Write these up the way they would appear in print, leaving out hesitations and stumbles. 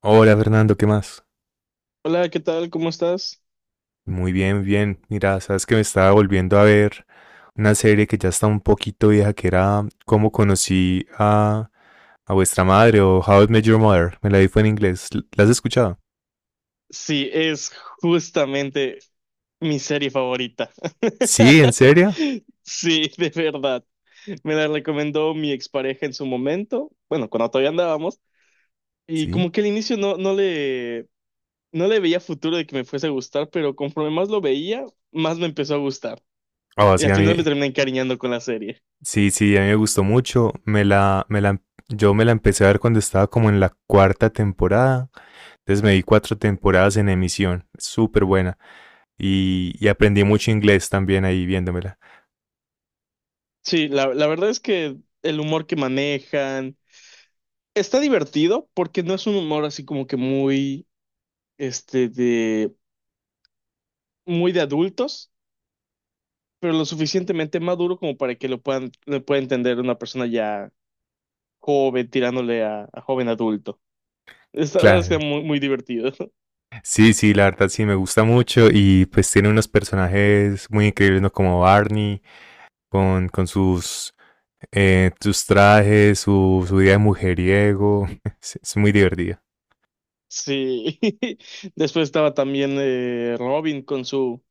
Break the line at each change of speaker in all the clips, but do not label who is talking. Hola Fernando, ¿qué más?
Hola, ¿qué tal? ¿Cómo estás?
Muy bien, bien. Mira, sabes que me estaba volviendo a ver una serie que ya está un poquito vieja, que era Cómo conocí a vuestra madre o How I Met Your Mother. Me la vi fue en inglés. ¿La has escuchado?
Sí, es justamente mi serie favorita.
Sí, ¿en serio?
Sí, de verdad. Me la recomendó mi expareja en su momento, bueno, cuando todavía andábamos, y
Sí.
como que al inicio no le no le veía futuro de que me fuese a gustar, pero conforme más lo veía, más me empezó a gustar.
Ah,
Y
sí,
al
a mí,
final me terminé encariñando con la serie.
sí, sí, a mí me gustó mucho. Yo me la empecé a ver cuando estaba como en la cuarta temporada. Entonces me vi cuatro temporadas en emisión. Súper buena. Y aprendí mucho inglés también ahí viéndomela.
Sí, la verdad es que el humor que manejan está divertido porque no es un humor así como que muy de muy de adultos, pero lo suficientemente maduro como para que lo pueda entender una persona ya joven, tirándole a joven adulto. Esta la verdad es que
Claro.
era muy, muy divertido.
Sí, sí, la verdad sí me gusta mucho y pues tiene unos personajes muy increíbles, ¿no? Como Barney, con, con sus, sus trajes, su vida de mujeriego. Es muy divertido.
Sí. Después estaba también Robin con su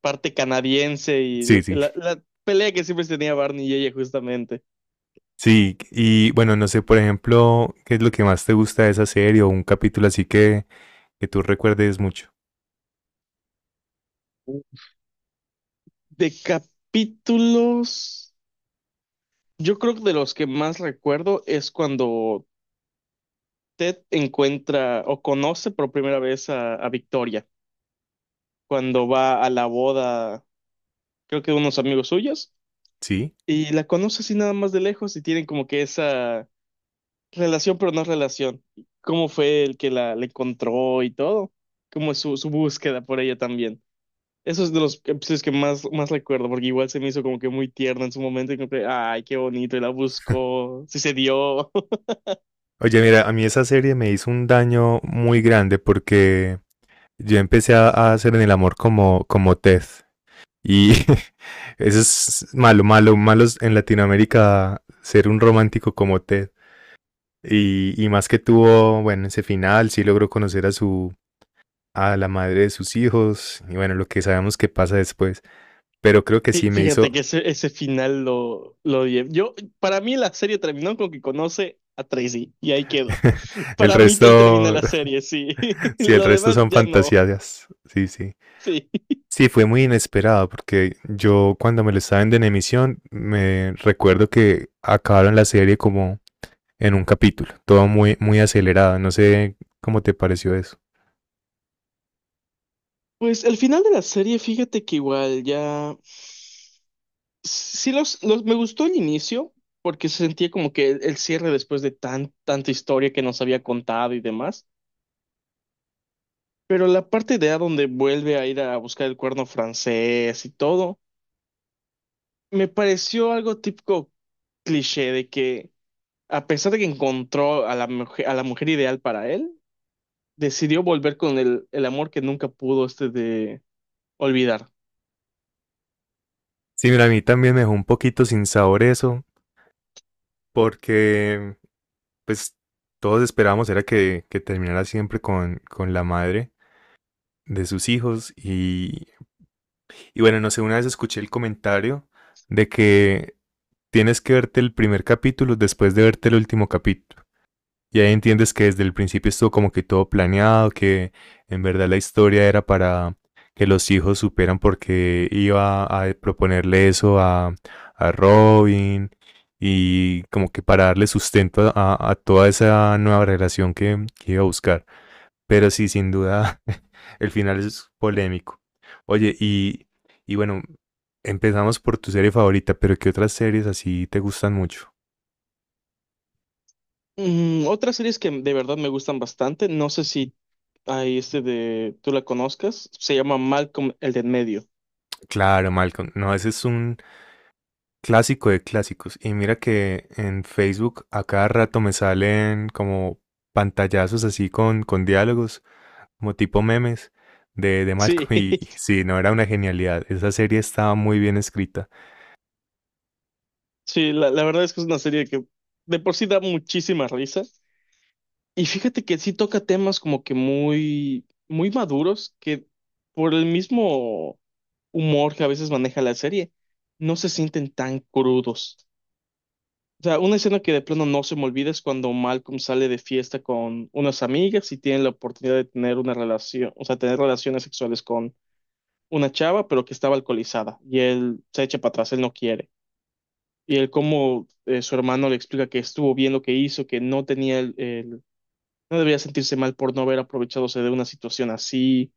parte canadiense y
Sí, sí.
la pelea que siempre tenía Barney y ella justamente.
Sí, y bueno, no sé, por ejemplo, ¿qué es lo que más te gusta de esa serie o un capítulo así que tú recuerdes mucho?
De capítulos, yo creo que de los que más recuerdo es cuando usted encuentra o conoce por primera vez a Victoria cuando va a la boda, creo que de unos amigos suyos,
Sí.
y la conoce así nada más de lejos y tienen como que esa relación, pero no relación. ¿Cómo fue el que la encontró y todo? ¿Cómo es su búsqueda por ella también? Eso es de los episodios que más recuerdo, porque igual se me hizo como que muy tierno en su momento y como que, ay, qué bonito, y la buscó, sí se dio.
Oye, mira, a mí esa serie me hizo un daño muy grande porque yo empecé a hacer en el amor como, como Ted. Y eso es malo, malo, malos en Latinoamérica ser un romántico como Ted. Y más que tuvo, bueno, ese final, sí logró conocer a a la madre de sus hijos y bueno, lo que sabemos que pasa después. Pero creo que sí me
Fíjate
hizo
que ese final lo odié. Yo, para mí la serie terminó con que conoce a Tracy y ahí quedó.
el
Para mí ahí termina
resto,
la serie, sí.
sí, el
Lo
resto
demás
son
ya no.
fantasías. Sí, sí.
Sí.
Sí, fue muy inesperado porque yo cuando me lo estaba viendo en emisión me recuerdo que acabaron la serie como en un capítulo, todo muy, muy acelerado, no sé cómo te pareció eso.
Pues el final de la serie, fíjate que igual... ya... Sí, me gustó el inicio porque se sentía como que el cierre después de tanta historia que nos había contado y demás. Pero la parte de A donde vuelve a ir a buscar el cuerno francés y todo, me pareció algo típico cliché de que... A pesar de que encontró a a la mujer ideal para él, decidió volver con el amor que nunca pudo este de olvidar.
Sí, mira, a mí también me dejó un poquito sin sabor eso, porque pues todos esperábamos era que terminara siempre con la madre de sus hijos y bueno, no sé, una vez escuché el comentario de que tienes que verte el primer capítulo después de verte el último capítulo. Y ahí entiendes que desde el principio estuvo como que todo planeado, que en verdad la historia era para que los hijos superan porque iba a proponerle eso a Robin y como que para darle sustento a toda esa nueva relación que iba a buscar. Pero sí, sin duda, el final es polémico. Oye, y, y bueno, empezamos por tu serie favorita, pero ¿qué otras series así te gustan mucho?
Otras series que de verdad me gustan bastante, no sé si hay este de tú la conozcas, se llama Malcolm el de en medio.
Claro, Malcolm. No, ese es un, clásico de clásicos. Y mira que en Facebook a cada rato me salen como pantallazos así con diálogos, como tipo memes de Malcolm.
Sí,
Y sí, no era una genialidad. Esa serie estaba muy bien escrita.
sí, la verdad es que es una serie que de por sí da muchísima risa. Y fíjate que sí toca temas como que muy, muy maduros, que por el mismo humor que a veces maneja la serie, no se sienten tan crudos. O sea, una escena que de plano no se me olvida es cuando Malcolm sale de fiesta con unas amigas y tiene la oportunidad de tener una relación, o sea, tener relaciones sexuales con una chava, pero que estaba alcoholizada y él se echa para atrás, él no quiere. Y él como su hermano le explica que estuvo bien lo que hizo, que no tenía no debía sentirse mal por no haber aprovechadose de una situación así.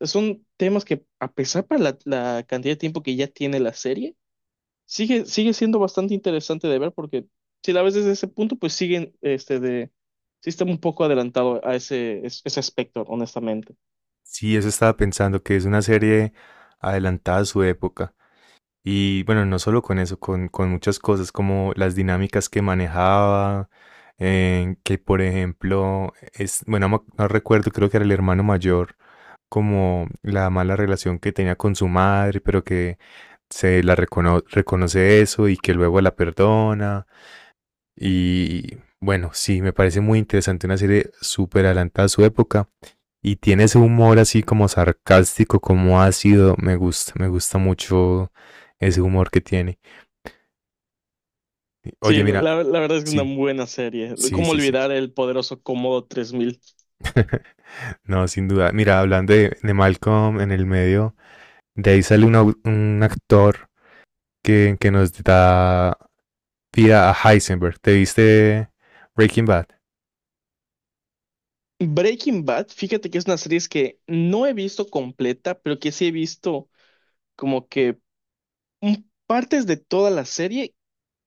Son temas que, a pesar para la cantidad de tiempo que ya tiene la serie, sigue siendo bastante interesante de ver porque si la ves desde ese punto, sí está un poco adelantado a ese aspecto, honestamente.
Sí, eso estaba pensando, que es una serie adelantada a su época. Y bueno, no solo con eso, con muchas cosas como las dinámicas que manejaba, que por ejemplo, es, bueno, no, no recuerdo, creo que era el hermano mayor como la mala relación que tenía con su madre, pero que se la reconoce eso y que luego la perdona. Y bueno, sí, me parece muy interesante, una serie súper adelantada a su época. Y tiene ese humor así como sarcástico, como ácido. Me gusta mucho ese humor que tiene. Oye,
Sí,
mira,
la verdad es que es
sí,
una buena serie.
sí,
¿Cómo
sí, sí.
olvidar el poderoso Comodo 3000?
No, sin duda. Mira, hablando de Malcolm en el medio, de ahí sale un, un actor que nos da vida a Heisenberg. ¿Te viste Breaking Bad?
Breaking Bad, fíjate que es una serie que no he visto completa, pero que sí he visto como que partes de toda la serie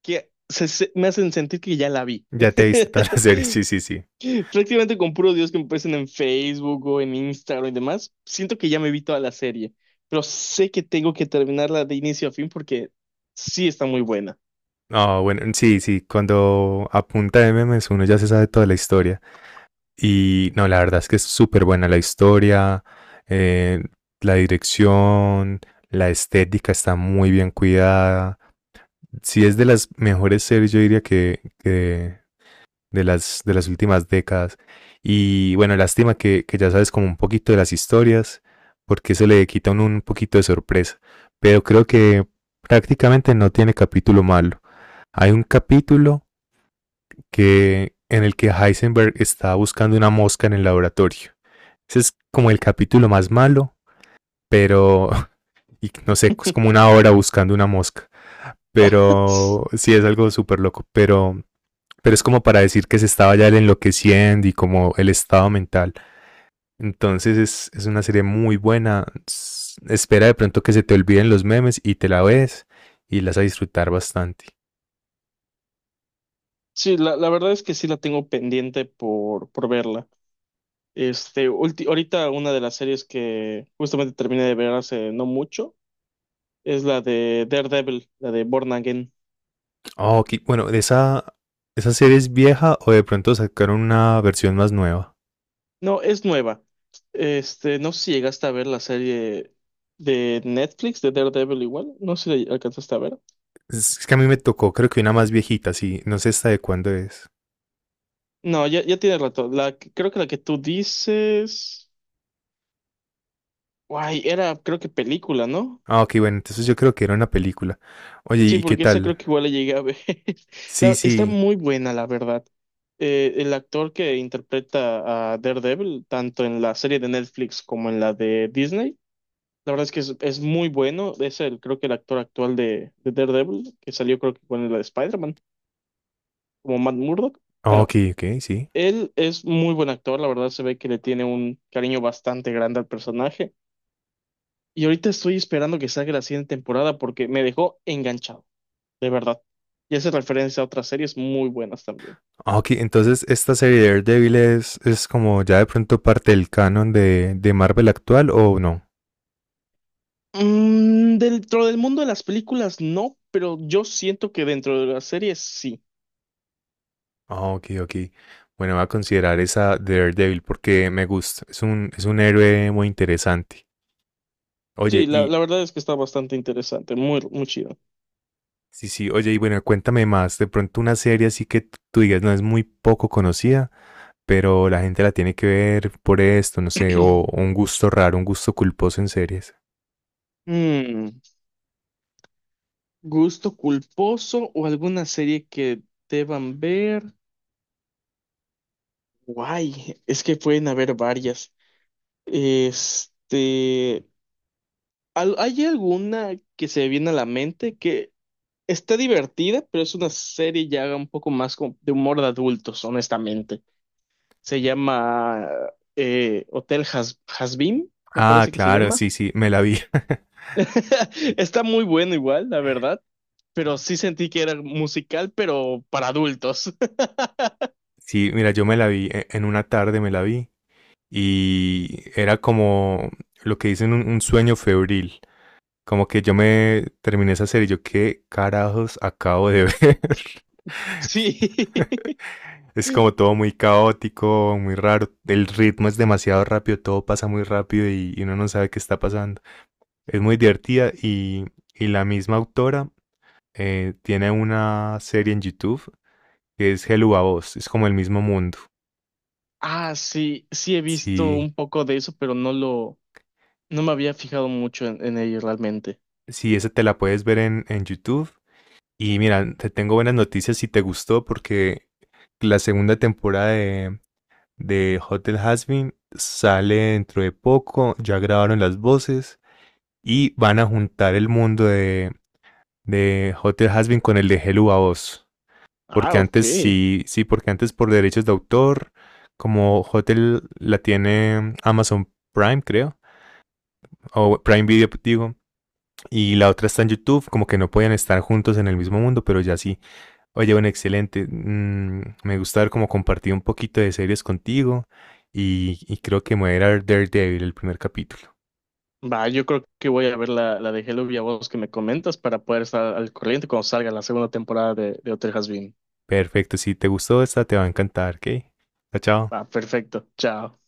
que me hacen sentir que ya la vi.
Ya te viste toda la serie, sí, sí, sí.
Prácticamente con puros dios que me aparecen en Facebook o en Instagram y demás, siento que ya me vi toda la serie, pero sé que tengo que terminarla de inicio a fin porque sí está muy buena.
No, bueno, sí, sí, cuando apunta a memes uno ya se sabe toda la historia. Y no, la verdad es que es súper buena la historia, eh, la dirección, la estética está muy bien cuidada. Sí es de las mejores series, yo diría que de de las últimas décadas. Y bueno, lástima que ya sabes como un poquito de las historias, porque eso le quita un poquito de sorpresa. Pero creo que prácticamente no tiene capítulo malo. Hay un capítulo que, en el que Heisenberg está buscando una mosca en el laboratorio. Ese es como el capítulo más malo, pero y no sé, es como una hora buscando una mosca. Pero sí es algo súper loco. Pero es como para decir que se estaba ya el enloqueciendo y como el estado mental. Entonces es una serie muy buena. Espera de pronto que se te olviden los memes y te la ves y las vas a disfrutar bastante.
Sí, la verdad es que sí la tengo pendiente por verla. Ahorita una de las series que justamente terminé de ver hace no mucho es la de Daredevil, la de Born Again.
Oh, ok, bueno, ¿esa serie es vieja o de pronto sacaron una versión más nueva?
No, es nueva. Este, no sé si llegaste a ver la serie de Netflix de Daredevil igual. No sé si la alcanzaste a ver.
Es que a mí me tocó, creo que una más viejita, sí. No sé esta de cuándo es.
No, ya tiene rato. Creo que la que tú dices. Guay, era, creo que película, ¿no?
Ah, ok, bueno, entonces yo creo que era una película. Oye,
Sí,
¿y qué
porque esa
tal?
creo que igual la llegué a ver.
Sí,
Está
sí.
muy buena, la verdad. El actor que interpreta a Daredevil, tanto en la serie de Netflix como en la de Disney. La verdad es que es muy bueno. Es el, creo que el actor actual de Daredevil, que salió creo que con la de Spider-Man, como Matt Murdock.
Ah, ok,
Bueno,
ok, sí.
él es muy buen actor, la verdad se ve que le tiene un cariño bastante grande al personaje. Y ahorita estoy esperando que salga la siguiente temporada porque me dejó enganchado, de verdad. Y hace referencia a otras series muy buenas también.
Ah, ok, entonces esta serie de Daredevil es como ya de pronto parte del canon de Marvel actual o no.
Dentro del mundo de las películas no, pero yo siento que dentro de las series sí.
Ah, ok, ok. Bueno, voy a considerar esa Daredevil porque me gusta. Es un héroe muy interesante. Oye,
Sí, la,
y
la verdad es que está bastante interesante, muy, muy chido.
sí, sí, oye, y bueno, cuéntame más. De pronto una serie así que tú digas no es muy poco conocida, pero la gente la tiene que ver por esto, no sé, o un gusto raro, un gusto culposo en series.
Mm. ¿Gusto culposo o alguna serie que deban ver? Guay, es que pueden haber varias. Este, ¿Hay alguna que se viene a la mente que está divertida, pero es una serie ya un poco más como de humor de adultos, honestamente? Se llama Hotel Has Hazbin, me
Ah,
parece que se
claro,
llama.
sí, sí, me la vi.
Está muy bueno igual, la verdad, pero sí sentí que era musical, pero para adultos.
Sí, mira, yo me la vi en una tarde, me la vi. Y era como lo que dicen un sueño febril. Como que yo me terminé esa serie y yo, ¿qué carajos acabo de ver?
Sí.
Es como todo muy caótico, muy raro. El ritmo es demasiado rápido, todo pasa muy rápido y uno no sabe qué está pasando. Es muy divertida y la misma autora tiene una serie en YouTube que es Hello a Vos. Es como el mismo mundo.
Ah, sí, sí he visto
Sí,
un poco de eso, pero no me había fijado mucho en ello realmente.
sí, esa te la puedes ver en YouTube. Y mira, te tengo buenas noticias si te gustó, porque la segunda temporada de Hotel Hazbin sale dentro de poco. Ya grabaron las voces y van a juntar el mundo de Hotel Hazbin con el de Hello a Oz.
Ah,
Porque
ok.
antes sí, sí, porque antes por derechos de autor, como Hotel la tiene Amazon Prime, creo, o Prime Video, digo, y la otra está en YouTube, como que no podían estar juntos en el mismo mundo, pero ya sí. Oye, bueno, excelente. Mm, me gusta haber como compartido un poquito de series contigo y creo que me voy a ir a ver Daredevil, el primer capítulo.
Va, yo creo que voy a ver la de Hello Villalobos que me comentas para poder estar al corriente cuando salga la segunda temporada de Hotel has Been.
Perfecto, si te gustó esta, te va a encantar, ¿ok? Chao, chao.
Va, perfecto. Chao.